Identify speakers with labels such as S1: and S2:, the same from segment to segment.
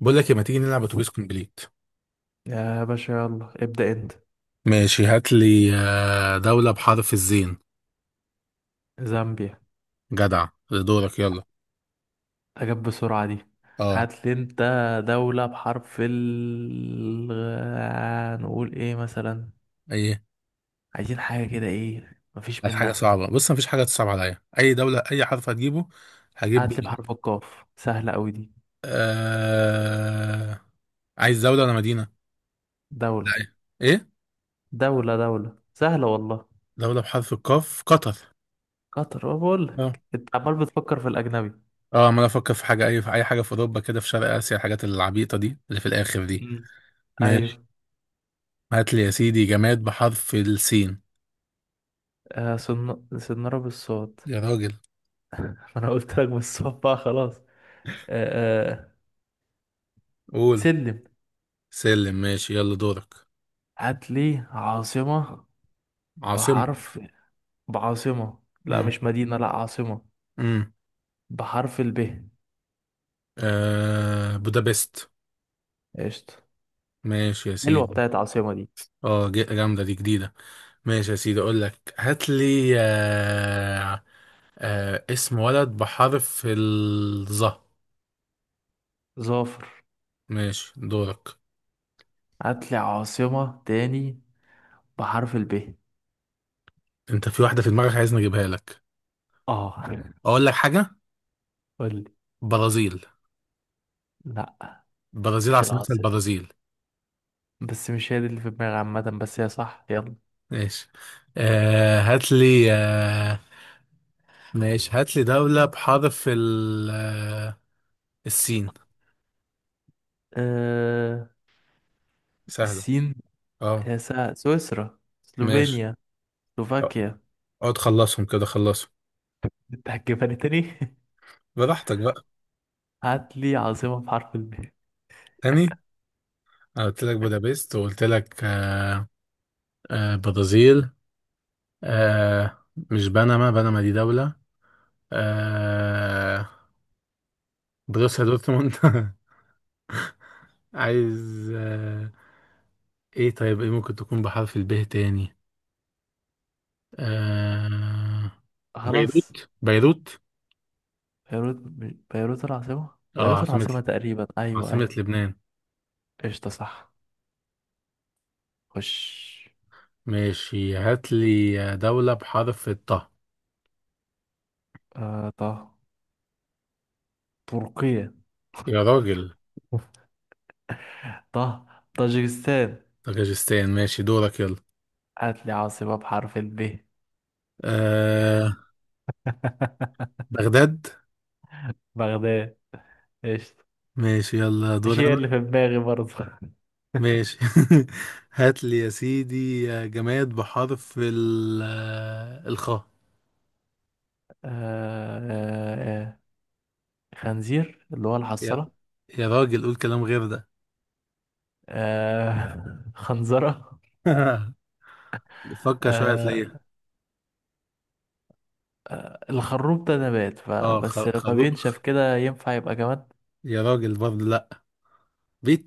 S1: بقول لك إيه، ما تيجي نلعب اتوبيس كومبليت؟
S2: يا باشا، يلا ابدأ انت.
S1: ماشي، هات لي دولة بحرف الزين.
S2: زامبيا.
S1: جدع، دورك يلا.
S2: اجاب بسرعة دي.
S1: اه.
S2: هات لي انت. دولة بحرف ال نقول ايه مثلا؟
S1: ايه.
S2: عايزين حاجة كده، ايه مفيش
S1: هات حاجة
S2: منها.
S1: صعبة، بص مفيش حاجة تصعب عليا، اي دولة اي حرف هتجيبه هجيب
S2: هات لي
S1: بيه.
S2: بحرف القاف، سهلة قوي دي.
S1: آه... عايز دولة ولا مدينة؟ لا
S2: دولة
S1: ايه. إيه؟
S2: دولة سهلة والله.
S1: دولة بحرف القاف، قطر.
S2: قطر. أنا بقول
S1: اه.
S2: لك انت عمال بتفكر في الأجنبي.
S1: اه، عمال افكر في حاجة، اي في اي حاجة في اوروبا كده، في شرق اسيا، الحاجات العبيطة دي اللي في الاخر دي.
S2: مم. ايوه.
S1: ماشي، هات لي يا سيدي جماد بحرف السين.
S2: صنارة بالصوت.
S1: يا راجل.
S2: ما انا قلت لك بالصوت بقى خلاص. آه، آه.
S1: قول.
S2: سلم.
S1: سلم. ماشي يلا، دورك.
S2: هات لي عاصمة
S1: عاصمة.
S2: بحرف، بعاصمة، لا
S1: امم
S2: مش مدينة، لا عاصمة
S1: امم
S2: بحرف الب.
S1: بودابست.
S2: قشطة.
S1: ماشي يا
S2: حلوة
S1: سيدي.
S2: بتاعت عاصمة دي.
S1: اه، جامدة دي، جديدة. ماشي يا سيدي، اقول لك هات لي. اسم ولد بحرف الظه.
S2: ظافر.
S1: ماشي، دورك.
S2: هاتلي عاصمة تاني بحرف الب.
S1: انت في واحدة في دماغك عايزني اجيبها لك.
S2: اه.
S1: اقول لك حاجة.
S2: قولي.
S1: برازيل.
S2: لا.
S1: برازيل
S2: مش
S1: عاصمتها
S2: العاصمة.
S1: البرازيل.
S2: بس مش هي دي اللي في دماغي، عامة بس هي صح، يلا.
S1: ماشي. هات لي. ماشي، هات لي دولة بحرف السين.
S2: آه...
S1: سهلة.
S2: السين.
S1: اه.
S2: هي سويسرا،
S1: ماشي
S2: سلوفينيا،
S1: آه،
S2: سلوفاكيا.
S1: اقعد خلصهم كده، خلصهم.
S2: انت هتجيبها لي تاني.
S1: براحتك بقى.
S2: هاتلي عاصمة بحرف الب.
S1: تاني. أنا قلت لك بودابست، وقلت لك. برازيل. آه مش بنما، بنما دي دولة. آه بروسيا دورتموند. عايز. ايه طيب، ايه ممكن تكون بحرف الب تاني؟ آه
S2: خلاص.
S1: بيروت، بيروت.
S2: بيروت. بيروت العاصمة،
S1: اه
S2: بيروت
S1: عاصمة.
S2: العاصمة تقريبا، أيوة،
S1: عاصمة
S2: أيوة.
S1: لبنان.
S2: قشطة، صح. خش.
S1: ماشي، هات لي دولة بحرف الطاء.
S2: طه. تركيا.
S1: يا راجل.
S2: طه. طاجكستان.
S1: طاجستان، ماشي دورك يلا.
S2: هات لي عاصمة بحرف الب.
S1: آه بغداد.
S2: بغداد. قشطة.
S1: ماشي يلا
S2: مش
S1: دور
S2: هي
S1: انا.
S2: اللي في دماغي برضه. آه.
S1: ماشي. هات لي يا سيدي جماد بحرف ال الخاء.
S2: آه، آه. خنزير، اللي هو
S1: يا
S2: الحصالة.
S1: يا راجل، قول كلام غير ده.
S2: آه. خنزرة.
S1: فكر شوية
S2: آه،
S1: هتلاقيها.
S2: الخروب ده نبات،
S1: اه،
S2: فبس لما
S1: خروخ.
S2: بينشف كده ينفع يبقى جماد.
S1: يا راجل برضه لا.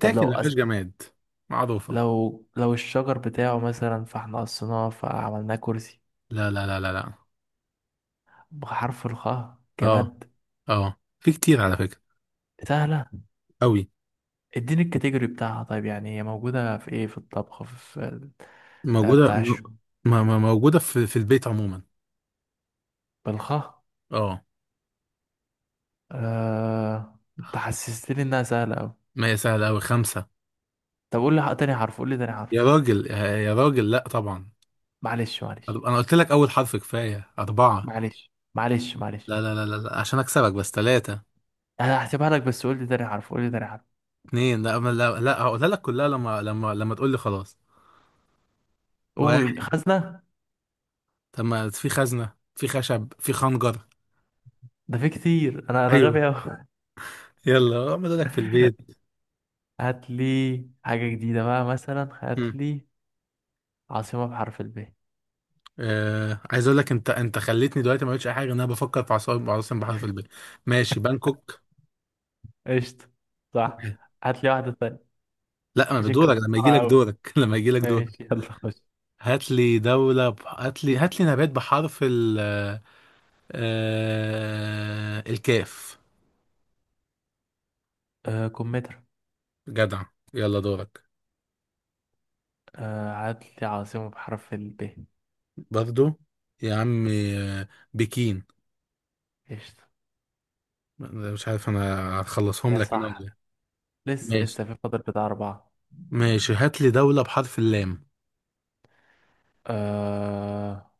S2: طب لو أس...
S1: مفيش جماد معروفة.
S2: لو الشجر بتاعه مثلا، فاحنا قصيناه فعملناه كرسي.
S1: لا لا لا لا لا.
S2: بحرف الخاء
S1: اه
S2: جماد.
S1: اه، في كتير على فكرة،
S2: سهلة.
S1: قوي.
S2: اديني الكاتيجوري بتاعها، طيب يعني هي موجودة في ايه؟ في الطبخ؟ في ال-،
S1: موجودة
S2: بتاعش.
S1: موجودة في البيت عموما.
S2: بالخاء.
S1: اه.
S2: انت حسستني انها سهلة اوي.
S1: ما هي سهلة أوي، خمسة.
S2: طب قول لي تاني حرف، قول لي تاني حرف.
S1: يا راجل يا راجل، لا طبعا.
S2: معلش، معلش،
S1: انا قلت لك اول حرف كفايه، اربعه.
S2: معلش. معلش، معلش.
S1: لا لا لا لا لا، عشان اكسبك بس، ثلاثه.
S2: انا هحسبها لك، بس قول لي تاني حرف، قول لي تاني حرف.
S1: اتنين، لا لا لا، هقولها لك كلها لما تقول لي خلاص.
S2: قول:
S1: واحد.
S2: خزنة.
S1: طب ما في خزنه، في خشب، في خنجر.
S2: ده في كتير، انا
S1: ايوه.
S2: غبي اوي.
S1: يلا اعمل لك في البيت.
S2: هات لي حاجة جديدة بقى، مثلا هات
S1: مم.
S2: لي عاصمة بحرف الب.
S1: عايز اقول لك، انت خليتني دلوقتي ما قلتش اي حاجه ان انا بفكر في عاصمه بحر في البيت. ماشي، بانكوك.
S2: قشطة، صح. هات لي واحدة تانية.
S1: لا، ما
S2: أشك
S1: بدورك لما يجي
S2: بسرعة
S1: لك
S2: أوي.
S1: دورك. لما يجي لك
S2: ماشي،
S1: دورك.
S2: يلا خش.
S1: هات لي هات لي نبات بحرف ال الكاف.
S2: آه، كمثرى.
S1: جدع. يلا دورك.
S2: عدل، عاصمة بحرف ال ب.
S1: برضو. يا عم. بكين.
S2: قشطة.
S1: مش عارف انا هخلصهم
S2: يا
S1: لك انا ولا
S2: صح.
S1: إيه.
S2: لسه
S1: ماشي
S2: لسه في فاضل بتاع أربعة.
S1: ماشي، هات لي دولة بحرف اللام.
S2: آه.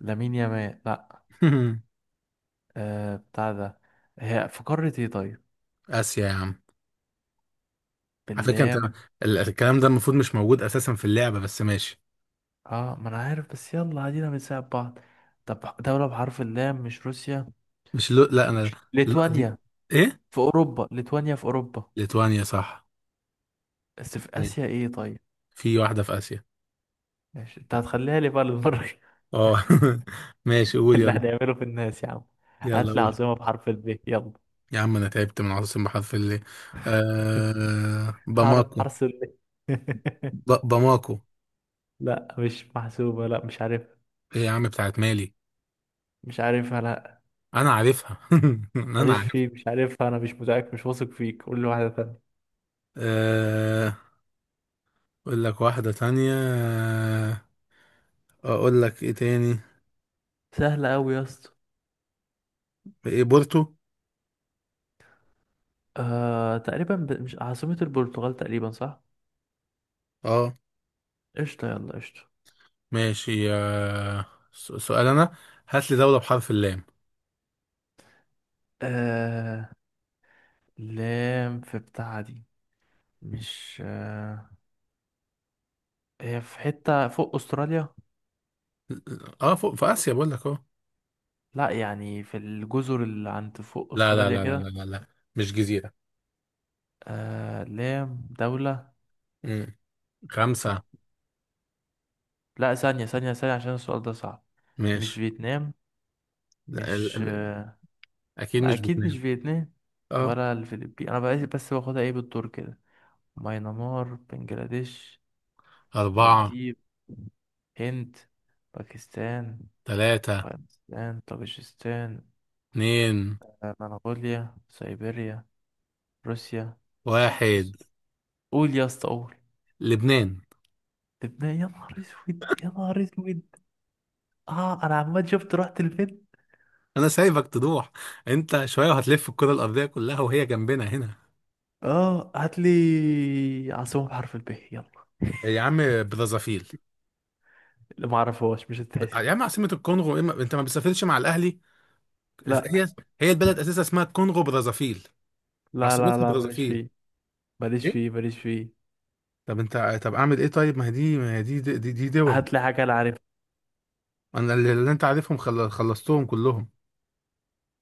S2: لامين يامال، لأ. آه، بتاع ده. هي في قارة ايه طيب؟
S1: اسيا يا عم. على فكرة انت،
S2: باللام.
S1: الكلام ده المفروض مش موجود اساسا في اللعبة، بس ماشي.
S2: اه، ما أنا عارف بس، يلا عادينا بنساعد بعض. طب دولة بحرف اللام، مش روسيا.
S1: مش لو، لا انا.
S2: مش
S1: لا دي.
S2: ليتوانيا.
S1: ايه.
S2: في أوروبا، ليتوانيا في أوروبا.
S1: ليتوانيا صح.
S2: بس في آسيا ايه طيب؟
S1: في واحدة في اسيا.
S2: ماشي، انت هتخليها لي بقى للمرة.
S1: اه. ماشي، قول
S2: اللي
S1: يلا.
S2: هنعمله في الناس يا عم.
S1: يلا
S2: هات لي
S1: قول.
S2: عاصمة بحرف الب يلا.
S1: يا عم انا تعبت من عاصم بحرف اللي. باماكو.
S2: حرس ال.
S1: باماكو.
S2: لا مش محسوبة، لا مش عارفها.
S1: ايه يا عم، بتاعت مالي.
S2: مش عارفها، لا.
S1: انا عارفها، انا
S2: ماليش
S1: عارف.
S2: فيه، مش عارفها، أنا مش متأكد، مش واثق فيك، قول لي واحدة تانية.
S1: آه اقول لك واحدة تانية. اقول لك ايه تاني.
S2: سهلة أوي يا اسطى.
S1: ايه، بورتو.
S2: تقريبا، مش عاصمة البرتغال تقريبا، صح.
S1: اه.
S2: قشطة، يلا قشطة.
S1: ماشي. سؤال انا، هات لي دولة بحرف اللام.
S2: آه... لام في بتاع دي. مش هي في حتة فوق أستراليا.
S1: اه، فوق في اسيا بقول لك اه.
S2: لا يعني في الجزر اللي عند فوق
S1: لا لا
S2: أستراليا
S1: لا لا لا
S2: كده.
S1: لا لا، مش جزيرة.
S2: لام دولة.
S1: مم.
S2: لت...
S1: خمسة.
S2: لا، ثانية، ثانية، ثانية، عشان السؤال ده صعب. مش
S1: ماشي.
S2: فيتنام.
S1: لا،
S2: مش
S1: اكيد
S2: ما
S1: مش
S2: أكيد مش
S1: بتنام.
S2: فيتنام.
S1: اه.
S2: ولا الفلبين، أنا بقى بس باخدها إيه بالدور كده. ماينمار، بنجلاديش.
S1: أربعة.
S2: مالديف. هند. باكستان.
S1: ثلاثة.
S2: افغانستان، طاجيكستان.
S1: اتنين.
S2: منغوليا، سيبيريا. روسيا.
S1: واحد.
S2: بص، قول يا اسطى، قول.
S1: لبنان.
S2: لبنان. يا نهار اسود، يا نهار اسود. اه انا عمال شفت رحت لفين.
S1: انا سايبك تروح، انت شويه وهتلف الكره الارضيه كلها وهي جنبنا هنا.
S2: اه، هات لي عاصمة بحرف الب يلا.
S1: يا عم، برازافيل.
S2: اللي ما اعرفهاش مش هتتحسب.
S1: يا عم عاصمه الكونغو، إيه انت ما بتسافرش مع الاهلي؟ هي
S2: لا،
S1: هي البلد اساسا اسمها الكونغو برازافيل،
S2: لا، لا،
S1: عاصمتها
S2: لا، ماليش
S1: برازافيل.
S2: فيه، ماليش
S1: ايه.
S2: فيه. ماليش فيه.
S1: طب انت، طب اعمل ايه طيب، ما هي دي، ما هي دي دي دول.
S2: هات لي حاجة انا عارفها.
S1: انا اللي انت عارفهم خلصتهم كلهم.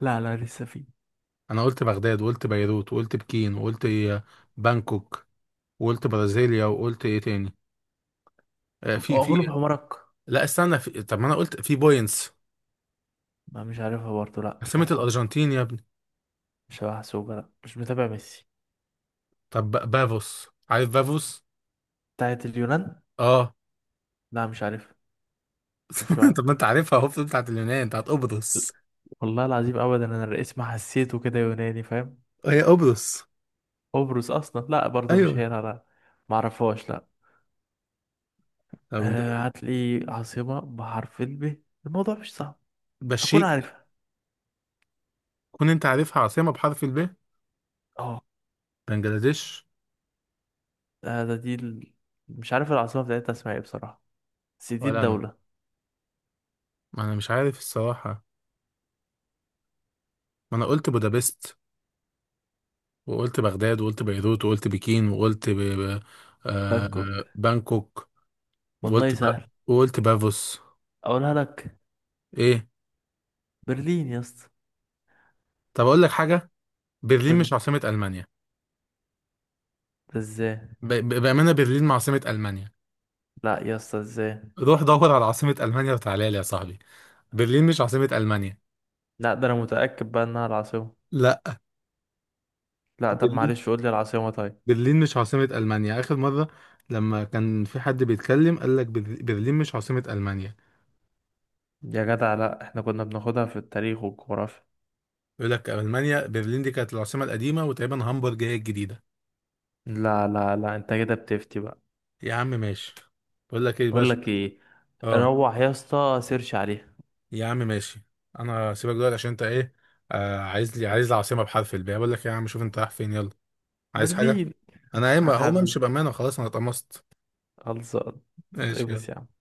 S2: لا، لا، لسه فيه.
S1: انا قلت بغداد وقلت بيروت وقلت بكين وقلت بانكوك، وقلت برازيليا، وقلت ايه تاني؟ في.
S2: اغلب حمارك.
S1: لا استنى، طب ما انا قلت في بوينتس،
S2: ما مش عارفها برضه، لا مش
S1: عاصمة
S2: محسوبة.
S1: الارجنتين يا ابني.
S2: مش محسوبة، لا مش متابع ميسي.
S1: طب، بافوس، عارف بافوس.
S2: بتاعت اليونان.
S1: اه.
S2: لا مش عارفها. شوف لي واحد
S1: طب ما
S2: غير.
S1: انت عارفها اهو، بتاعت اليونان، بتاعت قبرص.
S2: والله العظيم ابدا، انا الاسم حسيته كده يوناني، فاهم.
S1: هي قبرص.
S2: قبرص اصلا، لا برضه مش
S1: ايوه.
S2: هي، لا، لا. ما اعرفهاش، لا.
S1: طب انت.
S2: هات لي عاصمة بحرف الب، الموضوع مش صعب. هكون
S1: بشيك.
S2: عارفها.
S1: كون انت عارفها عاصمة بحرف الب.
S2: اه.
S1: بنجلاديش.
S2: ده ده دي ال... مش عارف العاصمة بتاعتها اسمها ايه بصراحة، بس دي
S1: ولا انا،
S2: الدولة.
S1: ما انا مش عارف الصراحة. ما انا قلت بودابست وقلت بغداد وقلت بيروت وقلت بكين وقلت
S2: بانكوك.
S1: آه... بانكوك،
S2: والله
S1: وقلت
S2: سهل.
S1: وقلت بافوس.
S2: اقولها لك.
S1: ايه.
S2: برلين يا اسطى.
S1: طب اقول لك حاجة، برلين
S2: قول
S1: مش
S2: لي.
S1: عاصمة المانيا.
S2: ده ازاي؟
S1: بأمانة برلين عاصمة ألمانيا.
S2: لا يا اسطى، ازاي؟
S1: روح دور على عاصمة ألمانيا وتعالى لي يا صاحبي. برلين مش عاصمة ألمانيا.
S2: لا، ده انا متأكد بقى انها العاصمة.
S1: لا.
S2: لا، طب
S1: برلين
S2: معلش قول لي العاصمة طيب.
S1: برلين مش عاصمة ألمانيا آخر مرة لما كان في حد بيتكلم قال لك برلين مش عاصمة ألمانيا.
S2: يا جدع لا، احنا كنا بناخدها في التاريخ والجغرافيا.
S1: يقول لك ألمانيا، برلين دي كانت العاصمة القديمة، وتقريبا هامبورج هي الجديدة.
S2: لا، لا، لا، انت كده بتفتي بقى.
S1: يا عم ماشي. بقول لك ايه بقى
S2: بقول
S1: شو-
S2: لك ايه.
S1: اه.
S2: روح يا اسطى سيرش عليها.
S1: يا عم ماشي. انا سيبك دلوقتي عشان انت ايه. عايز لي، العاصمة بحرف الباء، بقول لك إيه يا عم، شوف انت رايح فين يلا. عايز حاجة.
S2: برلين.
S1: انا قايم هقوم
S2: حبيبي.
S1: امشي، بأمانة خلاص انا اتقمصت.
S2: خلصان.
S1: ماشي يلا.
S2: اتقبس يا عم.